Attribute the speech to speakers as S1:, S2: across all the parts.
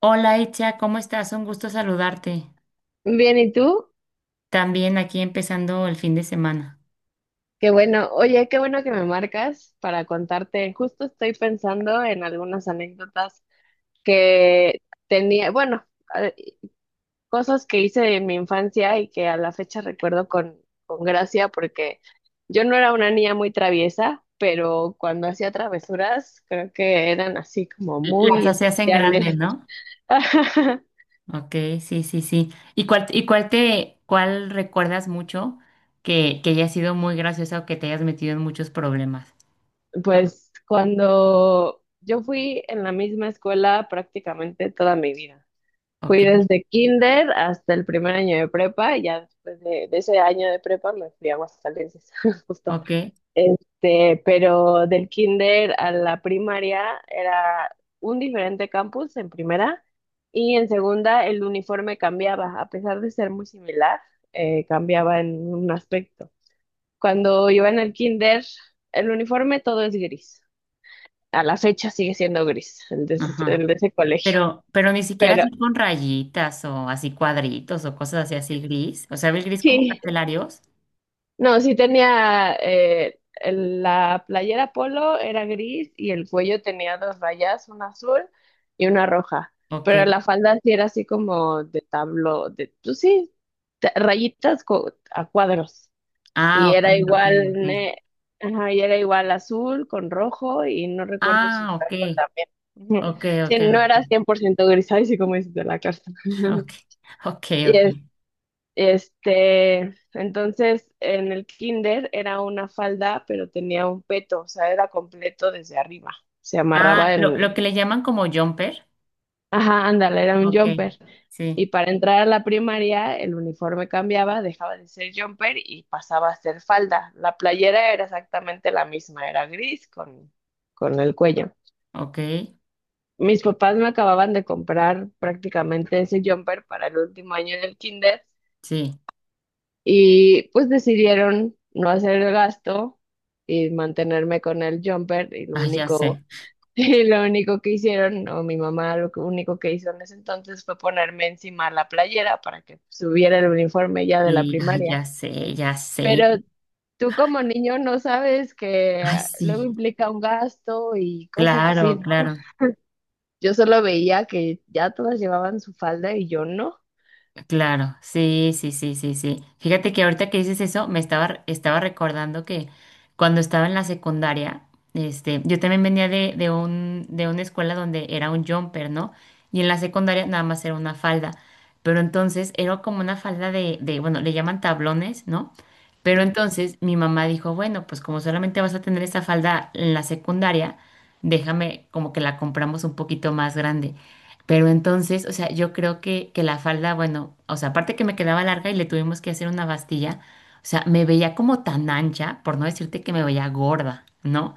S1: Hola Echa, ¿cómo estás? Un gusto saludarte.
S2: Bien, ¿y tú?
S1: También aquí empezando el fin de semana.
S2: Qué bueno. Oye, qué bueno que me marcas para contarte. Justo estoy pensando en algunas anécdotas que tenía, bueno, a- cosas que hice en mi infancia y que a la fecha recuerdo con gracia porque yo no era una niña muy traviesa, pero cuando hacía travesuras creo que eran así como
S1: Las
S2: muy
S1: hacías en grande,
S2: especiales.
S1: ¿no? Ok, sí, sí, sí. Y cuál te, cuál recuerdas mucho que haya sido muy graciosa o que te hayas metido en muchos problemas?
S2: Pues cuando yo fui en la misma escuela prácticamente toda mi vida.
S1: Ok,
S2: Fui desde kinder hasta el primer año de prepa, y ya después de ese año de prepa me fui a Aguascalientes, justo.
S1: ok,
S2: Pero del kinder a la primaria era un diferente campus en primera y en segunda el uniforme cambiaba, a pesar de ser muy similar, cambiaba en un aspecto. Cuando iba en el kinder, el uniforme todo es gris. A la fecha sigue siendo gris el de ese
S1: ajá.
S2: el de ese colegio.
S1: Pero ni siquiera
S2: Pero
S1: así con rayitas o así cuadritos o cosas así, así gris. O sea, ¿el gris como
S2: sí,
S1: carcelarios?
S2: no, sí tenía la playera polo era gris y el cuello tenía dos rayas, una azul y una roja.
S1: Ok.
S2: Pero la falda sí era así como de tablo, de, pues sí, a cuadros.
S1: Ah,
S2: Y
S1: ok,
S2: era
S1: ok,
S2: igual,
S1: ok.
S2: ajá, y era igual azul con rojo y no recuerdo si
S1: Ah,
S2: blanco
S1: ok,
S2: también. Ujú.
S1: ok,
S2: Sí,
S1: ok.
S2: no era
S1: Ok.
S2: 100% gris, ay, sí, como dices de la carta.
S1: Ok, ok,
S2: Y
S1: ok.
S2: entonces en el kinder era una falda, pero tenía un peto, o sea, era completo desde arriba. Se
S1: Ah,
S2: amarraba
S1: lo,
S2: en,
S1: lo que le llaman como jumper.
S2: ajá, ándale, era un
S1: Ok,
S2: jumper.
S1: sí,
S2: Y para entrar a la primaria, el uniforme cambiaba, dejaba de ser jumper y pasaba a ser falda. La playera era exactamente la misma, era gris con el cuello.
S1: ok,
S2: Mis papás me acababan de comprar prácticamente ese jumper para el último año del kinder.
S1: sí.
S2: Y pues decidieron no hacer el gasto y mantenerme con el jumper y lo
S1: Ah, ya sé.
S2: único, y lo único que hicieron, o mi mamá único que hizo en ese entonces fue ponerme encima la playera para que subiera el uniforme ya de la
S1: Sí, ah,
S2: primaria.
S1: ya sé, ya sé.
S2: Pero tú como niño no sabes
S1: Ay,
S2: que luego
S1: sí,
S2: implica un gasto y cosas así,
S1: claro,
S2: ¿no?
S1: claro.
S2: Yo solo veía que ya todas llevaban su falda y yo no.
S1: Claro, sí, sí, sí, sí, sí. Fíjate que ahorita que dices eso, estaba recordando que cuando estaba en la secundaria, este, yo también venía de una escuela donde era un jumper, ¿no? Y en la secundaria nada más era una falda. Pero entonces era como una falda bueno, le llaman tablones, ¿no? Pero entonces mi mamá dijo, bueno, pues como solamente vas a tener esa falda en la secundaria, déjame como que la compramos un poquito más grande. Pero entonces, o sea, yo creo que la falda, bueno, o sea, aparte que me quedaba larga y le tuvimos que hacer una bastilla, o sea, me veía como tan ancha, por no decirte que me veía gorda, ¿no?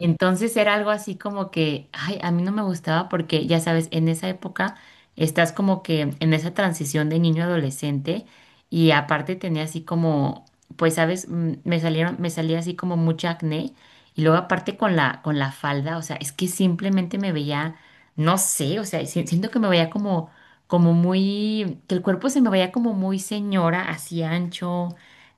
S1: Entonces era algo así como que, ay, a mí no me gustaba porque, ya sabes, en esa época estás como que en esa transición de niño a adolescente y aparte tenía así como, pues, sabes, me salía así como mucha acné y luego aparte con la falda, o sea, es que simplemente me veía, no sé, o sea, siento que me veía como, como muy, que el cuerpo se me veía como muy señora, así ancho,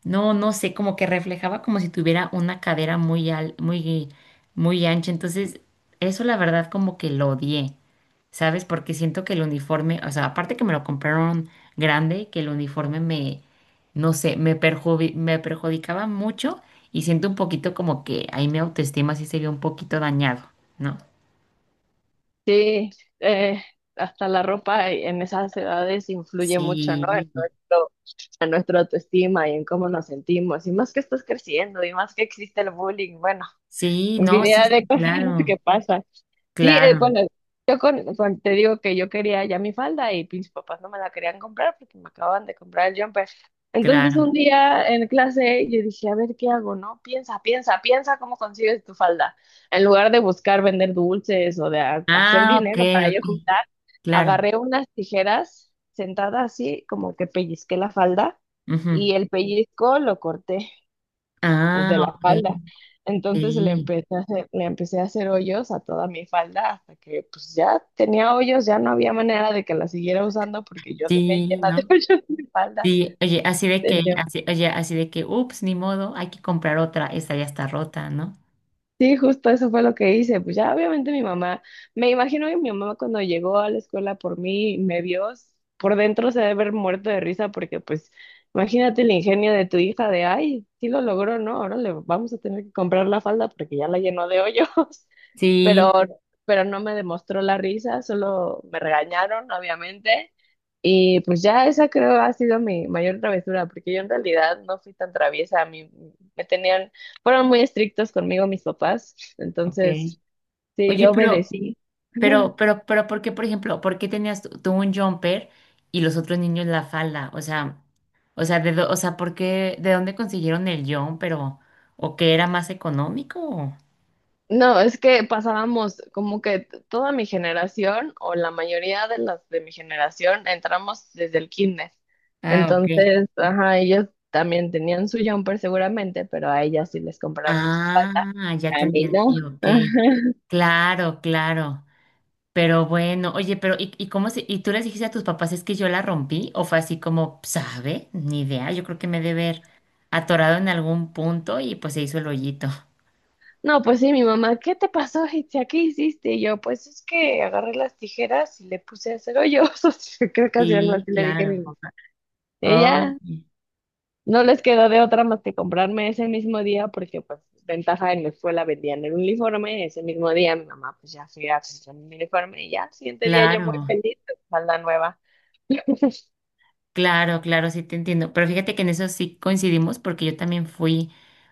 S1: no, no sé, como que reflejaba como si tuviera una cadera muy ancha. Entonces, eso la verdad como que lo odié, ¿sabes? Porque siento que el uniforme, o sea, aparte que me lo compraron grande, que el uniforme me, no sé, me perjudicaba mucho y siento un poquito como que ahí mi autoestima sí se vio un poquito dañado, ¿no?
S2: Sí, eh, hasta la ropa en esas edades influye mucho, ¿no? En
S1: Sí,
S2: nuestro, en nuestra autoestima y en cómo nos sentimos. Y más que estás creciendo y más que existe el bullying, bueno,
S1: sí, no, sí,
S2: infinidad
S1: sí,
S2: de cosas que
S1: claro,
S2: pasan. Sí,
S1: claro,
S2: bueno, yo con, te digo que yo quería ya mi falda y mis papás no me la querían comprar porque me acababan de comprar el jumper. Entonces un
S1: claro.
S2: día en clase yo dije, a ver, ¿qué hago, no? Piensa, piensa, piensa cómo consigues tu falda. En lugar de buscar vender dulces o de hacer
S1: Ah, ok,
S2: dinero para yo
S1: ok,
S2: juntar,
S1: claro.
S2: agarré unas tijeras sentada así, como que pellizqué la falda
S1: Ujú.
S2: y el pellizco lo corté el
S1: Ah,
S2: de la
S1: ok,
S2: falda. Entonces
S1: sí,
S2: le empecé a hacer hoyos a toda mi falda hasta que pues ya tenía hoyos, ya no había manera de que la siguiera usando porque yo dejé
S1: sí,
S2: llena de
S1: no.
S2: hoyos mi falda.
S1: Sí, oye, así de que, así, oye, así de que, ups, ni modo, hay que comprar otra, esta ya está rota, ¿no?
S2: Sí, justo eso fue lo que hice. Pues ya obviamente mi mamá, me imagino que mi mamá cuando llegó a la escuela por mí, y me vio, por dentro se debe haber muerto de risa porque pues imagínate el ingenio de tu hija de, ay, sí lo logró, ¿no? Ahora le vamos a tener que comprar la falda porque ya la llenó de hoyos. Pero,
S1: Sí,
S2: pero no me demostró la risa, solo me regañaron, obviamente. Y pues ya esa creo ha sido mi mayor travesura, porque yo en realidad no fui tan traviesa. A mí me tenían, fueron muy estrictos conmigo mis papás,
S1: ok.
S2: entonces sí,
S1: Oye,
S2: yo obedecí.
S1: ¿por qué, por ejemplo, por qué tenías tú un jumper y los otros niños la falda? O sea, o sea, o sea, ¿por qué, de dónde consiguieron el jumper o que era más económico? O?
S2: No, es que pasábamos como que toda mi generación o la mayoría de las de mi generación entramos desde el kinder.
S1: Ah, ok.
S2: Entonces, ajá, ellos también tenían su jumper seguramente, pero a ellas sí les compraron su falda.
S1: Ah, ya te
S2: A mí no.
S1: entendí, ok. Claro, claro. Pero bueno, oye, pero ¿ y cómo se, y tú les dijiste a tus papás es que yo la rompí? ¿O fue así como, sabe? Ni idea, yo creo que me debe haber atorado en algún punto y pues se hizo el hoyito.
S2: No, pues sí, mi mamá, ¿qué te pasó, Itzia? ¿Qué hiciste? Y yo, pues es que agarré las tijeras y le puse a hacer hoyos. Creo que así algo
S1: Sí,
S2: así le dije a mi
S1: claro.
S2: mamá.
S1: Oye,
S2: Ella no les quedó de otra más que comprarme ese mismo día, porque pues ventaja en la escuela vendían el uniforme. Ese mismo día mi mamá pues ya fui a hacer mi uniforme y ya, al siguiente día yo muy
S1: claro.
S2: feliz, con falda nueva.
S1: Claro, claro, sí te entiendo. Pero fíjate que en eso sí coincidimos porque yo también fui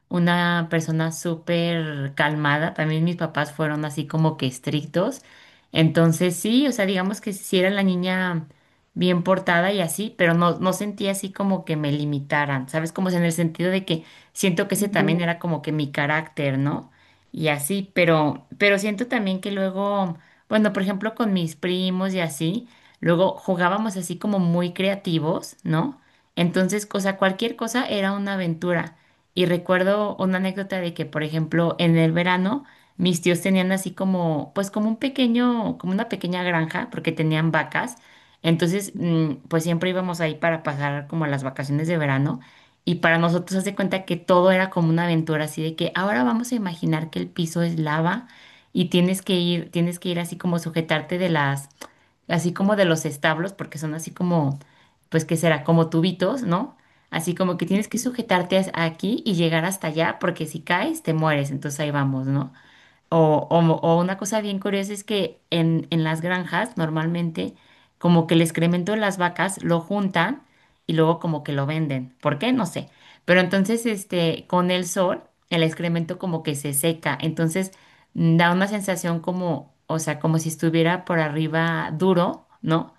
S1: una persona súper calmada. También mis papás fueron así como que estrictos. Entonces sí, o sea, digamos que sí era la niña bien portada y así, pero no, no sentía así como que me limitaran, ¿sabes? Como si en el sentido de que siento que ese
S2: Ujú.
S1: también era como que mi carácter, ¿no? Y así, pero siento también que luego, bueno, por ejemplo, con mis primos y así. Luego jugábamos así como muy creativos, ¿no? Entonces, cosa, cualquier cosa era una aventura. Y recuerdo una anécdota de que, por ejemplo, en el verano mis tíos tenían así como, pues como un pequeño, como una pequeña granja, porque tenían vacas. Entonces, pues siempre íbamos ahí para pasar como las vacaciones de verano. Y para nosotros, haz de cuenta que todo era como una aventura, así de que ahora vamos a imaginar que el piso es lava y tienes que ir así como sujetarte de las así como de los establos, porque son así como, pues, ¿qué será? Como tubitos, ¿no? Así como que tienes que sujetarte aquí y llegar hasta allá, porque si caes, te mueres. Entonces ahí vamos, ¿no? O, o una cosa bien curiosa es que en las granjas normalmente como que el excremento de las vacas lo juntan y luego como que lo venden. ¿Por qué? No sé. Pero entonces este, con el sol el excremento como que se seca. Entonces mm, da una sensación como, o sea, como si estuviera por arriba duro, ¿no?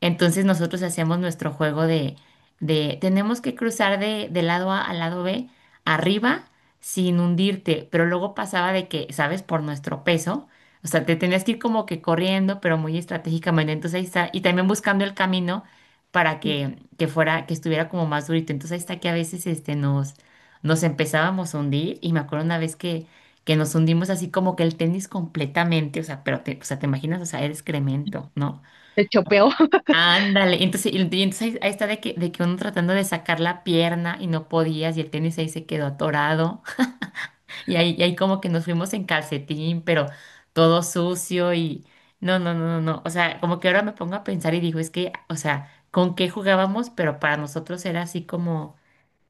S1: Entonces nosotros hacemos nuestro juego de tenemos que cruzar de lado A al lado B arriba sin hundirte, pero luego pasaba de que, ¿sabes? Por nuestro peso, o sea, te tenías que ir como que corriendo, pero muy estratégicamente, entonces ahí está, y también buscando el camino para que fuera, que estuviera como más durito, entonces ahí está que a veces este, nos empezábamos a hundir, y me acuerdo una vez que nos hundimos así como que el tenis completamente, o sea, pero te, o sea, te imaginas, o sea, era excremento, ¿no?
S2: Se chopeó.
S1: Ándale, y entonces ahí, ahí está de que uno tratando de sacar la pierna y no podías y el tenis ahí se quedó atorado y ahí como que nos fuimos en calcetín, pero todo sucio y no, no, no, no, no, o sea, como que ahora me pongo a pensar y digo, es que, o sea, ¿con qué jugábamos? Pero para nosotros era así como,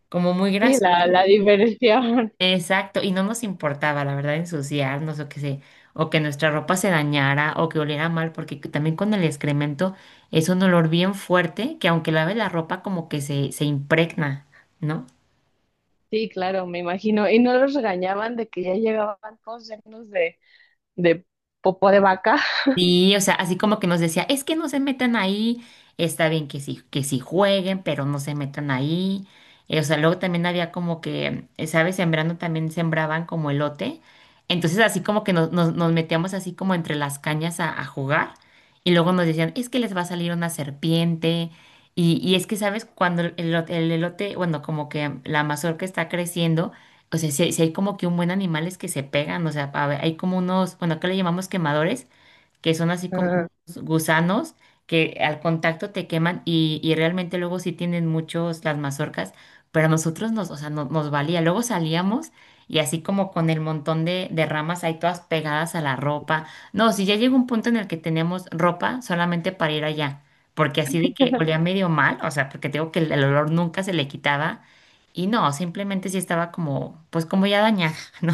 S1: como muy
S2: Sí,
S1: gracioso.
S2: la diversión.
S1: Exacto, y no nos importaba, la verdad, ensuciarnos o que se, o que nuestra ropa se dañara o que oliera mal, porque también con el excremento es un olor bien fuerte que aunque laves la ropa como que se impregna, ¿no?
S2: Sí, claro, me imagino. Y no los regañaban de que ya llegaban todos llenos de popó de vaca.
S1: Sí, o sea, así como que nos decía, es que no se metan ahí, está bien que sí jueguen, pero no se metan ahí. O sea, luego también había como que, ¿sabes? Sembrando también sembraban como elote. Entonces así como que nos metíamos así como entre las cañas a jugar y luego nos decían, es que les va a salir una serpiente. Y es que, ¿sabes? Cuando el, el elote, bueno, como que la mazorca está creciendo, o sea, si, hay si hay como que un buen animales que se pegan, o sea, a ver, hay como unos, bueno, acá le llamamos quemadores que son así como
S2: Ajá.
S1: gusanos que al contacto te queman y realmente luego sí tienen muchos las mazorcas, pero a nosotros nos, o sea, nos valía. Luego salíamos y así como con el montón de ramas ahí todas pegadas a la ropa. No, si ya llegó un punto en el que teníamos ropa solamente para ir allá, porque así de que olía medio mal, o sea, porque te digo que el olor nunca se le quitaba. Y no, simplemente sí estaba como, pues como ya dañada, ¿no?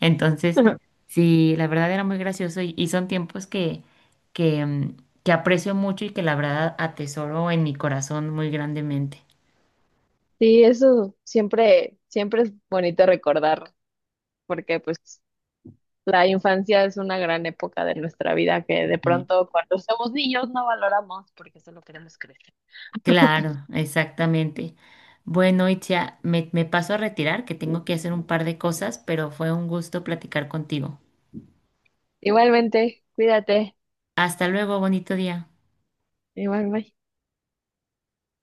S1: Entonces, sí, la verdad era muy gracioso y son tiempos que, mm, que aprecio mucho y que la verdad atesoro en mi corazón muy grandemente.
S2: Sí, eso siempre, siempre es bonito recordar, porque pues la infancia es una gran época de nuestra vida que de
S1: Y
S2: pronto cuando somos niños no valoramos porque solo queremos crecer.
S1: claro, exactamente. Bueno, Itzia, me paso a retirar, que tengo que hacer un par de cosas, pero fue un gusto platicar contigo.
S2: Igualmente, cuídate.
S1: Hasta luego, bonito día.
S2: Igual, bye.